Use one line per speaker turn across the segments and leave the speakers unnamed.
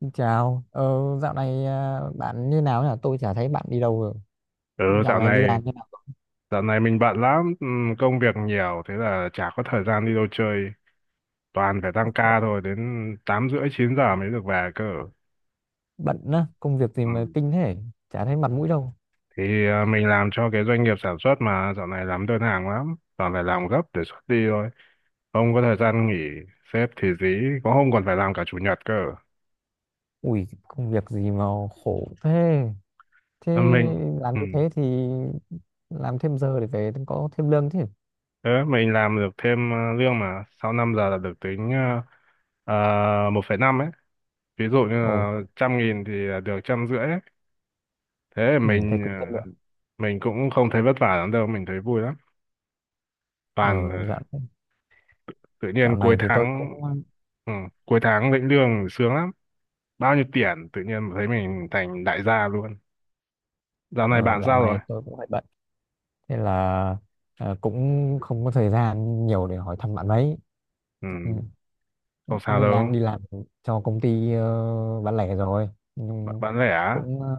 Xin chào, dạo này à, bạn như nào nhỉ? Tôi chả thấy bạn đi đâu rồi.
Ừ,
Dạo
dạo
này đi
này
làm như nào?
dạo này mình bận lắm, công việc nhiều thế là chả có thời gian đi đâu chơi, toàn phải tăng
Bận
ca thôi, đến tám rưỡi chín giờ mới được về cơ.
bận á, công việc gì mà
Ừm,
kinh thế? Chả thấy mặt mũi đâu.
Thì mình làm cho cái doanh nghiệp sản xuất mà dạo này làm đơn hàng lắm, toàn phải làm gấp để xuất đi thôi, không có thời gian nghỉ, sếp thì dí, có hôm còn phải làm cả chủ nhật cơ.
Ui, công việc gì mà khổ thế? Thế
À, mình
làm như
ừm,
thế thì làm thêm giờ để về có thêm lương chứ.
thế mình làm được thêm lương mà sau 5 giờ là được tính 1,5 ấy. Ví dụ như
Ồ,
là 100.000 thì được trăm rưỡi. Thế
ừ, thế cũng chất
ờ,
lượng.
mình cũng không thấy vất vả lắm đâu, mình thấy vui lắm.
Ờ,
Toàn
dạo,
tự nhiên
dạo này thì tôi cũng
ừ, cuối tháng lĩnh lương sướng lắm, bao nhiêu tiền tự nhiên thấy mình thành đại gia luôn. Dạo này
ờ,
bạn
Dạo
sao rồi?
này tôi cũng hơi bận. Thế là cũng không có thời gian nhiều để hỏi thăm bạn mấy.
Ừ,
Ừ,
không sao
nên
đâu.
đang đi làm cho công ty bán lẻ rồi
bạn,
nhưng
bạn lẻ á?
cũng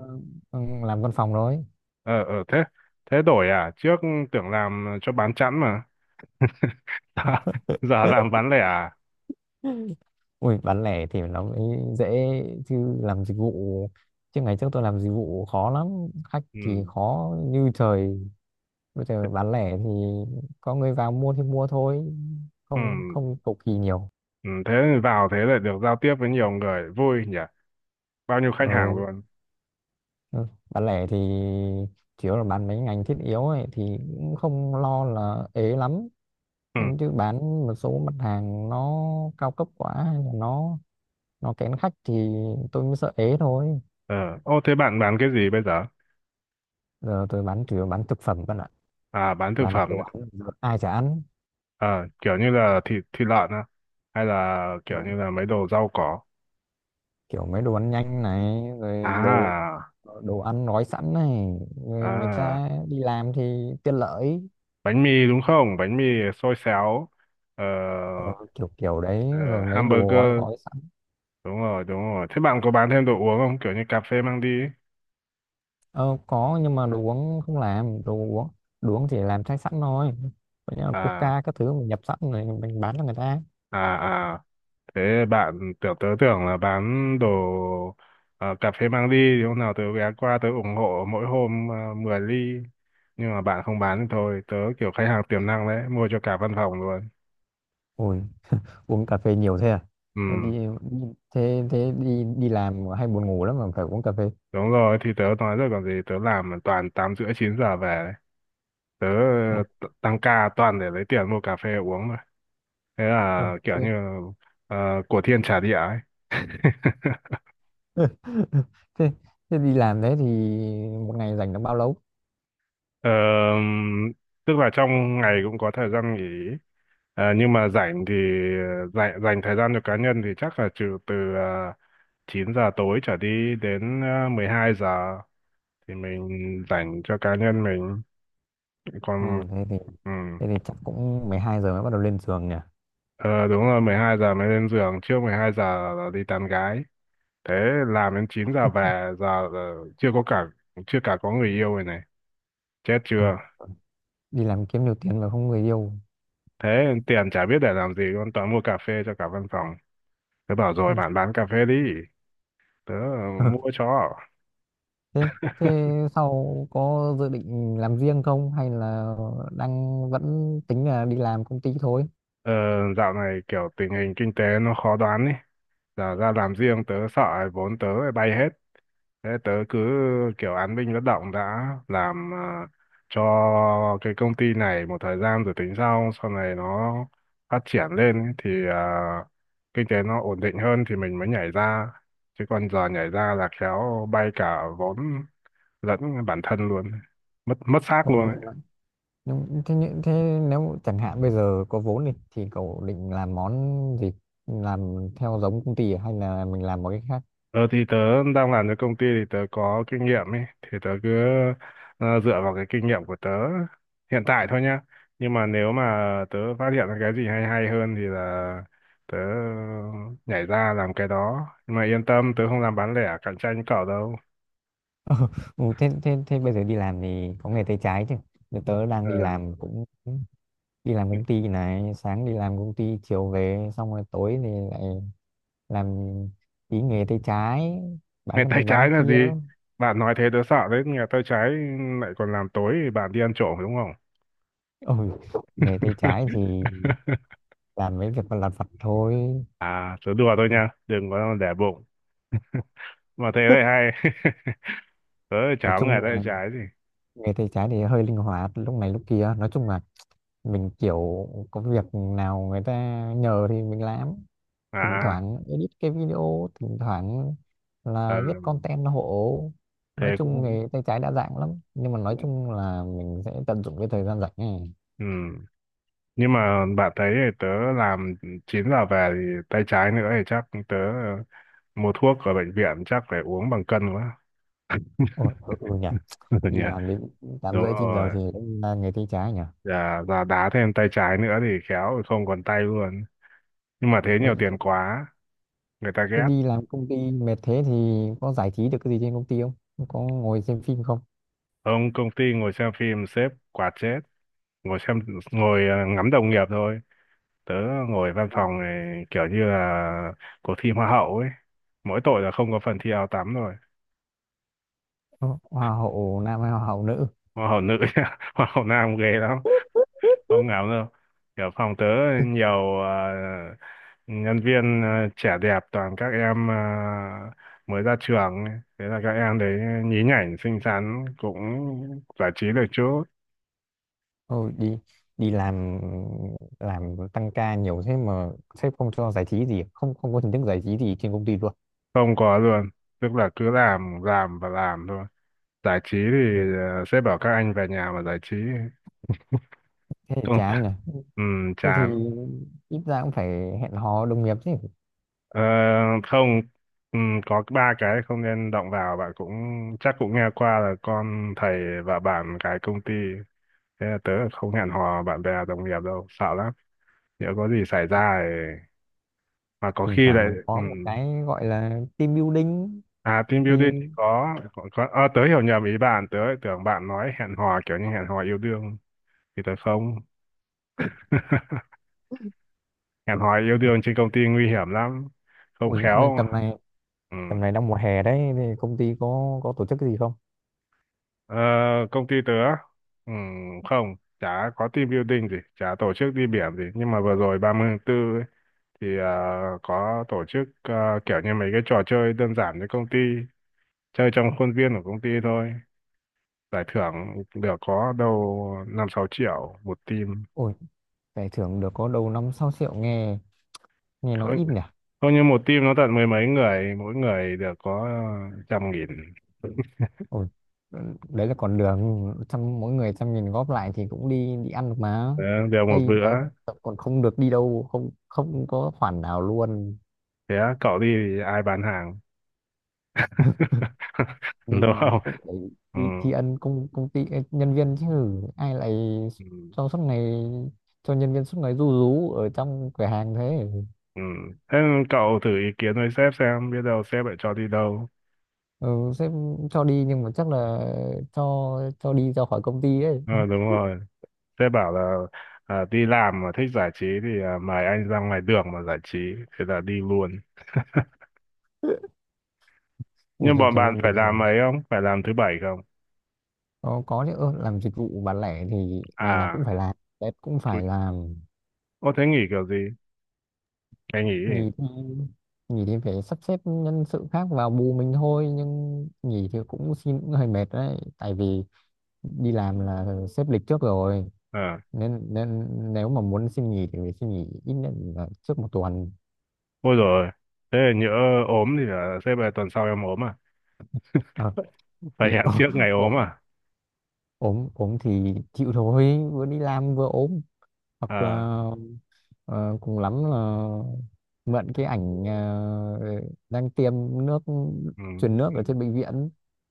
ừ, làm văn phòng rồi.
Ờ thế thế đổi à? Trước tưởng làm cho bán chẵn mà. giờ, giờ làm bán lẻ à?
Ui, bán lẻ thì nó mới dễ, chứ làm dịch vụ, chứ ngày trước tôi làm dịch vụ khó lắm, khách thì
Ừ,
khó như trời. Bây giờ bán lẻ thì có người vào mua thì mua thôi,
ừ,
không không cầu kỳ nhiều.
ừ, thế thì vào, thế lại được giao tiếp với nhiều người vui nhỉ, bao nhiêu khách
ờ,
hàng luôn.
ừ. Bán lẻ thì chủ yếu là bán mấy ngành thiết yếu ấy thì cũng không lo là ế lắm.
Ừ.
Nhưng chứ bán một số mặt hàng nó cao cấp quá hay là nó kén khách thì tôi mới sợ ế thôi.
Ờ, Ô thế bạn bán cái gì bây giờ?
Giờ tôi bán chủ yếu bán thực phẩm bạn ạ.
À, bán thực
Bán đồ
phẩm.
ăn giờ ai chả ăn.
Kiểu như là thịt thịt lợn á, hay là
Ờ,
kiểu như là mấy đồ rau cỏ.
kiểu mấy đồ ăn nhanh này rồi đồ
À,
đồ ăn gói sẵn này, người người
à,
ta đi làm thì tiện lợi.
bánh mì đúng không? Bánh mì xôi xéo, ờ,
Ờ, kiểu kiểu đấy
ờ,
rồi mấy đồ gói
hamburger.
gói sẵn.
Đúng rồi, đúng rồi. Thế bạn có bán thêm đồ uống không? Kiểu như cà phê mang đi ấy.
Ờ, có, nhưng mà đồ uống không làm đồ uống, đồ uống chỉ làm chai sẵn thôi. Còn như là
À,
coca các thứ mình nhập sẵn rồi mình bán cho người ta.
à, à. Thế bạn tưởng tớ tưởng là bán đồ ờ, cà phê mang đi thì hôm nào tớ ghé qua tớ ủng hộ mỗi hôm 10 ly, nhưng mà bạn không bán thì thôi, tớ kiểu khách hàng tiềm năng đấy mua cho cả văn phòng luôn.
Ôi, uống cà phê nhiều thế à?
Ừ,
Ờ, đi, thế thế đi đi làm hay buồn ngủ lắm mà phải uống cà phê?
đúng rồi thì tớ nói rồi còn gì, tớ làm toàn tám rưỡi chín giờ về đấy. Tớ
Ừ.
tăng ca toàn để lấy tiền mua cà phê uống mà. Thế
Ờ,
là kiểu
thế,
như của thiên trả địa ấy.
thế, thế đi làm thế thì một ngày dành được bao lâu?
Ờ, tức là trong ngày cũng có thời gian nghỉ. Nhưng mà rảnh thì dành thời gian cho cá nhân thì chắc là trừ từ uh, 9 giờ tối trở đi đến 12 giờ thì mình dành cho cá nhân mình
Ừ,
còn.
thế thì
Ừ.
thế thì chắc cũng 12 giờ mới bắt đầu lên giường nhỉ?
Ờ, đúng rồi, 12 giờ mới lên giường, trước 12 giờ là đi tán gái. Thế làm đến 9 giờ về, giờ là chưa có cả, chưa cả có người yêu rồi này, chết
Ừ,
chưa?
đi làm kiếm nhiều tiền mà không người yêu.
Thế tiền chả biết để làm gì luôn, toàn mua cà phê cho cả văn phòng. Tớ bảo rồi
Ừ.
bạn bán cà phê đi. Tớ mua cho.
thế thế sau có dự định làm riêng không hay là đang vẫn tính là đi làm công ty thôi?
Ờ, dạo này kiểu tình hình kinh tế nó khó đoán ý. Giờ ra làm riêng tớ sợ vốn tớ lại bay hết. Thế tớ cứ kiểu án binh bất động, đã làm cho cái công ty này một thời gian rồi tính sau. Sau này nó phát triển lên ý, thì kinh tế nó ổn định hơn thì mình mới nhảy ra. Chứ còn giờ nhảy ra là khéo bay cả vốn lẫn bản thân luôn. Mất mất xác
Ừ,
luôn ấy.
nhưng thế nếu chẳng hạn bây giờ có vốn đi thì cậu định làm món gì? Làm theo giống công ty à? Hay là mình làm một cái khác?
Ờ thì tớ đang làm cho công ty thì tớ có kinh nghiệm ấy, thì tớ cứ dựa vào cái kinh nghiệm của tớ hiện tại thôi nhá. Nhưng mà nếu mà tớ phát hiện ra cái gì hay hay hơn thì là tớ nhảy ra làm cái đó. Nhưng mà yên tâm, tớ không làm bán lẻ cạnh tranh cậu đâu.
Ờ, ừ, thế bây giờ đi làm thì có nghề tay trái chứ? Thì tớ đang
Ờ.
đi làm cũng đi làm công ty này, sáng đi làm công ty chiều về xong rồi tối thì lại làm tí nghề tay trái, bán
Ngày
cái
tay
này bán
trái
cái
là
kia.
gì? Bạn nói thế tớ sợ đấy, nghề tay trái lại còn làm tối thì bạn đi ăn trộm đúng không?
Ôi, nghề tay trái thì làm mấy việc lặt vặt thôi.
À, tớ đùa thôi nha, đừng có để bụng. Mà thế lại hay. Tớ
Nói
cháu
chung
người tay
là
trái gì.
người tay trái thì hơi linh hoạt lúc này lúc kia, nói chung là mình kiểu có việc nào người ta nhờ thì mình làm, thỉnh
à
thoảng edit cái video, thỉnh thoảng
ờ,
là viết content hộ. Nói
Thế
chung
cũng
nghề tay trái đa dạng lắm nhưng mà nói
cũng
chung là mình sẽ tận dụng cái thời gian rảnh này.
Ừ. Nhưng mà bạn thấy thì tớ làm 9 giờ về thì tay trái nữa thì chắc tớ mua thuốc ở bệnh viện chắc phải uống bằng cân quá.
Ồ, ừ, ừ nhỉ. Đi
Nhỉ.
làm đến tám
Đúng
rưỡi chín giờ
rồi,
thì là nghề tay trái nhỉ?
dạ dạ đá thêm tay trái nữa thì khéo không còn tay luôn. Nhưng mà thế
Rồi,
nhiều tiền quá người ta
thế
ghét.
đi làm công ty mệt thế thì có giải trí được cái gì trên công ty không? Có ngồi xem phim không?
Ông công ty ngồi xem phim sếp quạt chết. Ngồi xem ngồi ờ, ngắm đồng nghiệp thôi. Tớ ngồi văn phòng này kiểu như là cuộc thi hoa hậu ấy, mỗi tội là không có phần thi áo tắm rồi.
Ừ, hoa hậu nam hay hoa hậu nữ?
Hoa hậu nữ nhá, hoa hậu nam ghê lắm, không ngáo đâu. Kiểu phòng tớ nhiều nhân viên trẻ đẹp, toàn các em mới ra trường ấy. Thế là các em đấy nhí nhảnh xinh xắn cũng giải trí được chút.
Thôi đi, đi làm tăng ca nhiều thế mà sếp không cho giải trí gì, không không có hình thức giải trí gì trên công ty luôn?
Không có luôn, tức là cứ làm và làm thôi. Giải trí thì
Ừ.
sếp bảo các anh về nhà mà giải trí.
Thế thì
Không.
chán nhỉ.
Ừ,
Thế thì
chán.
ít ra cũng phải hẹn hò đồng nghiệp chứ.
Ờ, không, ừ, có ba cái không nên động vào, bạn cũng chắc cũng nghe qua là con thầy và bạn cái công ty. Thế là tớ không hẹn hò bạn bè đồng nghiệp đâu, sợ lắm, nếu có gì xảy ra thì... mà có
Thỉnh
khi
thoảng
lại.
mình
Ừ.
có một cái gọi là team building
À, team
thì
building thì có... Ờ, tớ hiểu nhầm ý bạn, tớ lại tưởng bạn nói hẹn hò kiểu như hẹn hò yêu đương thì tớ không hẹn hò yêu đương trên công ty nguy hiểm lắm, không
ôi, bên
khéo.
tầm này
Ừ.
tầm này đang mùa hè đấy thì công ty có tổ chức cái gì không?
Ờ, công ty tớ ừ, không chả có team building gì, chả tổ chức đi biển gì, nhưng mà vừa rồi 34 ấy, thì có tổ chức kiểu như mấy cái trò chơi đơn giản cho công ty chơi trong khuôn viên của công ty thôi. Giải thưởng được có đâu 5-6 triệu một team.
Ôi, giải thưởng được có đầu 5, 6 triệu, nghe nghe nói
Không,
ít nhỉ.
không, như một team nó tận mười mấy người, mỗi người được có 100.000.
Ôi, đấy là còn đường trăm, mỗi người 100 nghìn góp lại thì cũng đi đi ăn được mà.
Ờ, đều một
Đây
bữa.
tớ, còn không được đi đâu, không không có khoản nào luôn.
Thế cậu đi thì ai bán hàng?
Nhưng
Đúng
mà
không?
cũng phải
Ừ.
tri tri ân công công ty nhân viên chứ. Ai lại
Ừ.
cho suốt ngày cho nhân viên suốt ngày ru rú ở trong cửa hàng thế.
Ừ. Thế cậu thử ý kiến với sếp xem biết đâu sếp lại cho đi đâu.
Ừ, sếp cho đi nhưng mà chắc là cho cho đi ra khỏi công ty đấy.
Ờ đúng rồi. Sếp bảo là đi làm mà thích giải trí thì mời anh ra ngoài đường mà giải trí, thế là đi luôn.
Ui,
Nhưng
trời,
bọn
trời,
bạn phải
bây giờ.
làm ấy không? Phải làm thứ bảy không?
Có chứ, làm dịch vụ bán lẻ thì ngày nào
À,
cũng phải làm, Tết cũng
chú...
phải làm.
Ô thế nghỉ kiểu gì? Ngày nghỉ gì?
Nghỉ thì nghỉ thì phải sắp xếp nhân sự khác vào bù mình thôi, nhưng nghỉ thì cũng xin cũng hơi mệt đấy, tại vì đi làm là xếp lịch trước rồi,
À,
nên nên nếu mà muốn xin nghỉ thì phải xin nghỉ ít nhất là trước một tuần.
ôi rồi. Thế là nhỡ ốm thì là sếp là tuần sau em ốm à?
Ờ,
Phải
thì
hẹn trước ngày ốm
ốm
à?
ốm ốm thì chịu thôi, vừa đi làm vừa ốm, hoặc
À,
là. Ờ, cùng lắm là mượn cái ảnh đang tiêm nước,
ừ,
truyền nước
ừ.
ở trên bệnh viện.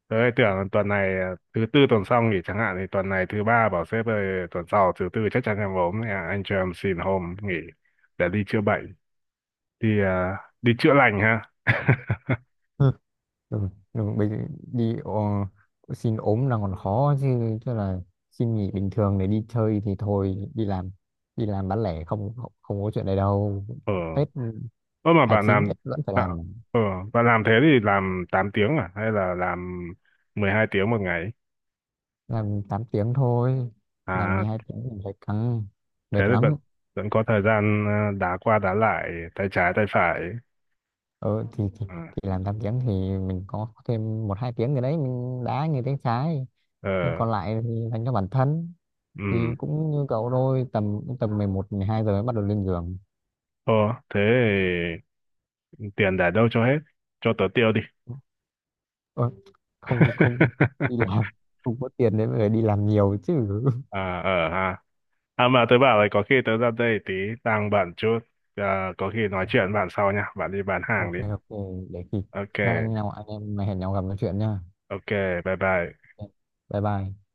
Đấy, tưởng tuần này à, thứ tư tuần sau nghỉ chẳng hạn thì tuần này thứ ba bảo sếp ơi tuần sau thứ tư chắc chắn em ốm nên là anh cho em xin hôm nghỉ để đi chữa bệnh, đi chữa lành ha.
Ừ. Ừ, ừ, xin ốm là còn khó, chứ chứ là xin nghỉ bình thường để đi chơi thì thôi đi làm. Đi làm bán lẻ không, không, không có chuyện này đâu.
ờ
Tết ừ,
Ơ mà
hai chín Tết vẫn phải
bạn,
làm.
ờ bạn làm thế thì làm 8 tiếng à hay là làm 12 tiếng một ngày?
Làm 8 tiếng thôi, làm
à
12 tiếng thì phải căng
Thế
mệt
thì vẫn
lắm.
vẫn có thời gian đá qua đá lại tay trái tay phải.
Ừ,
à,
thì làm 8 tiếng thì mình có thêm 1, 2 tiếng gì đấy mình đá như tiếng trái. Thế
ờ
còn lại thì dành cho bản thân thì
ừ
cũng như cậu thôi, tầm tầm 11 hai giờ mới bắt đầu lên giường.
ờ Thế thì tiền để đâu cho hết? Cho tớ tiêu đi.
Ơ, không, không đi làm không có tiền để về đi làm nhiều chứ.
à ờ ha À mà tớ bảo là có khi tớ ra đây tí, đang bận chút, có khi nói chuyện bạn sau nha, bạn đi bán hàng
Ok,
đi.
ok, để khi
Ok
các anh nào anh em hẹn nhau gặp nói chuyện nha.
ok. Bye bye.
Ok, bye bye.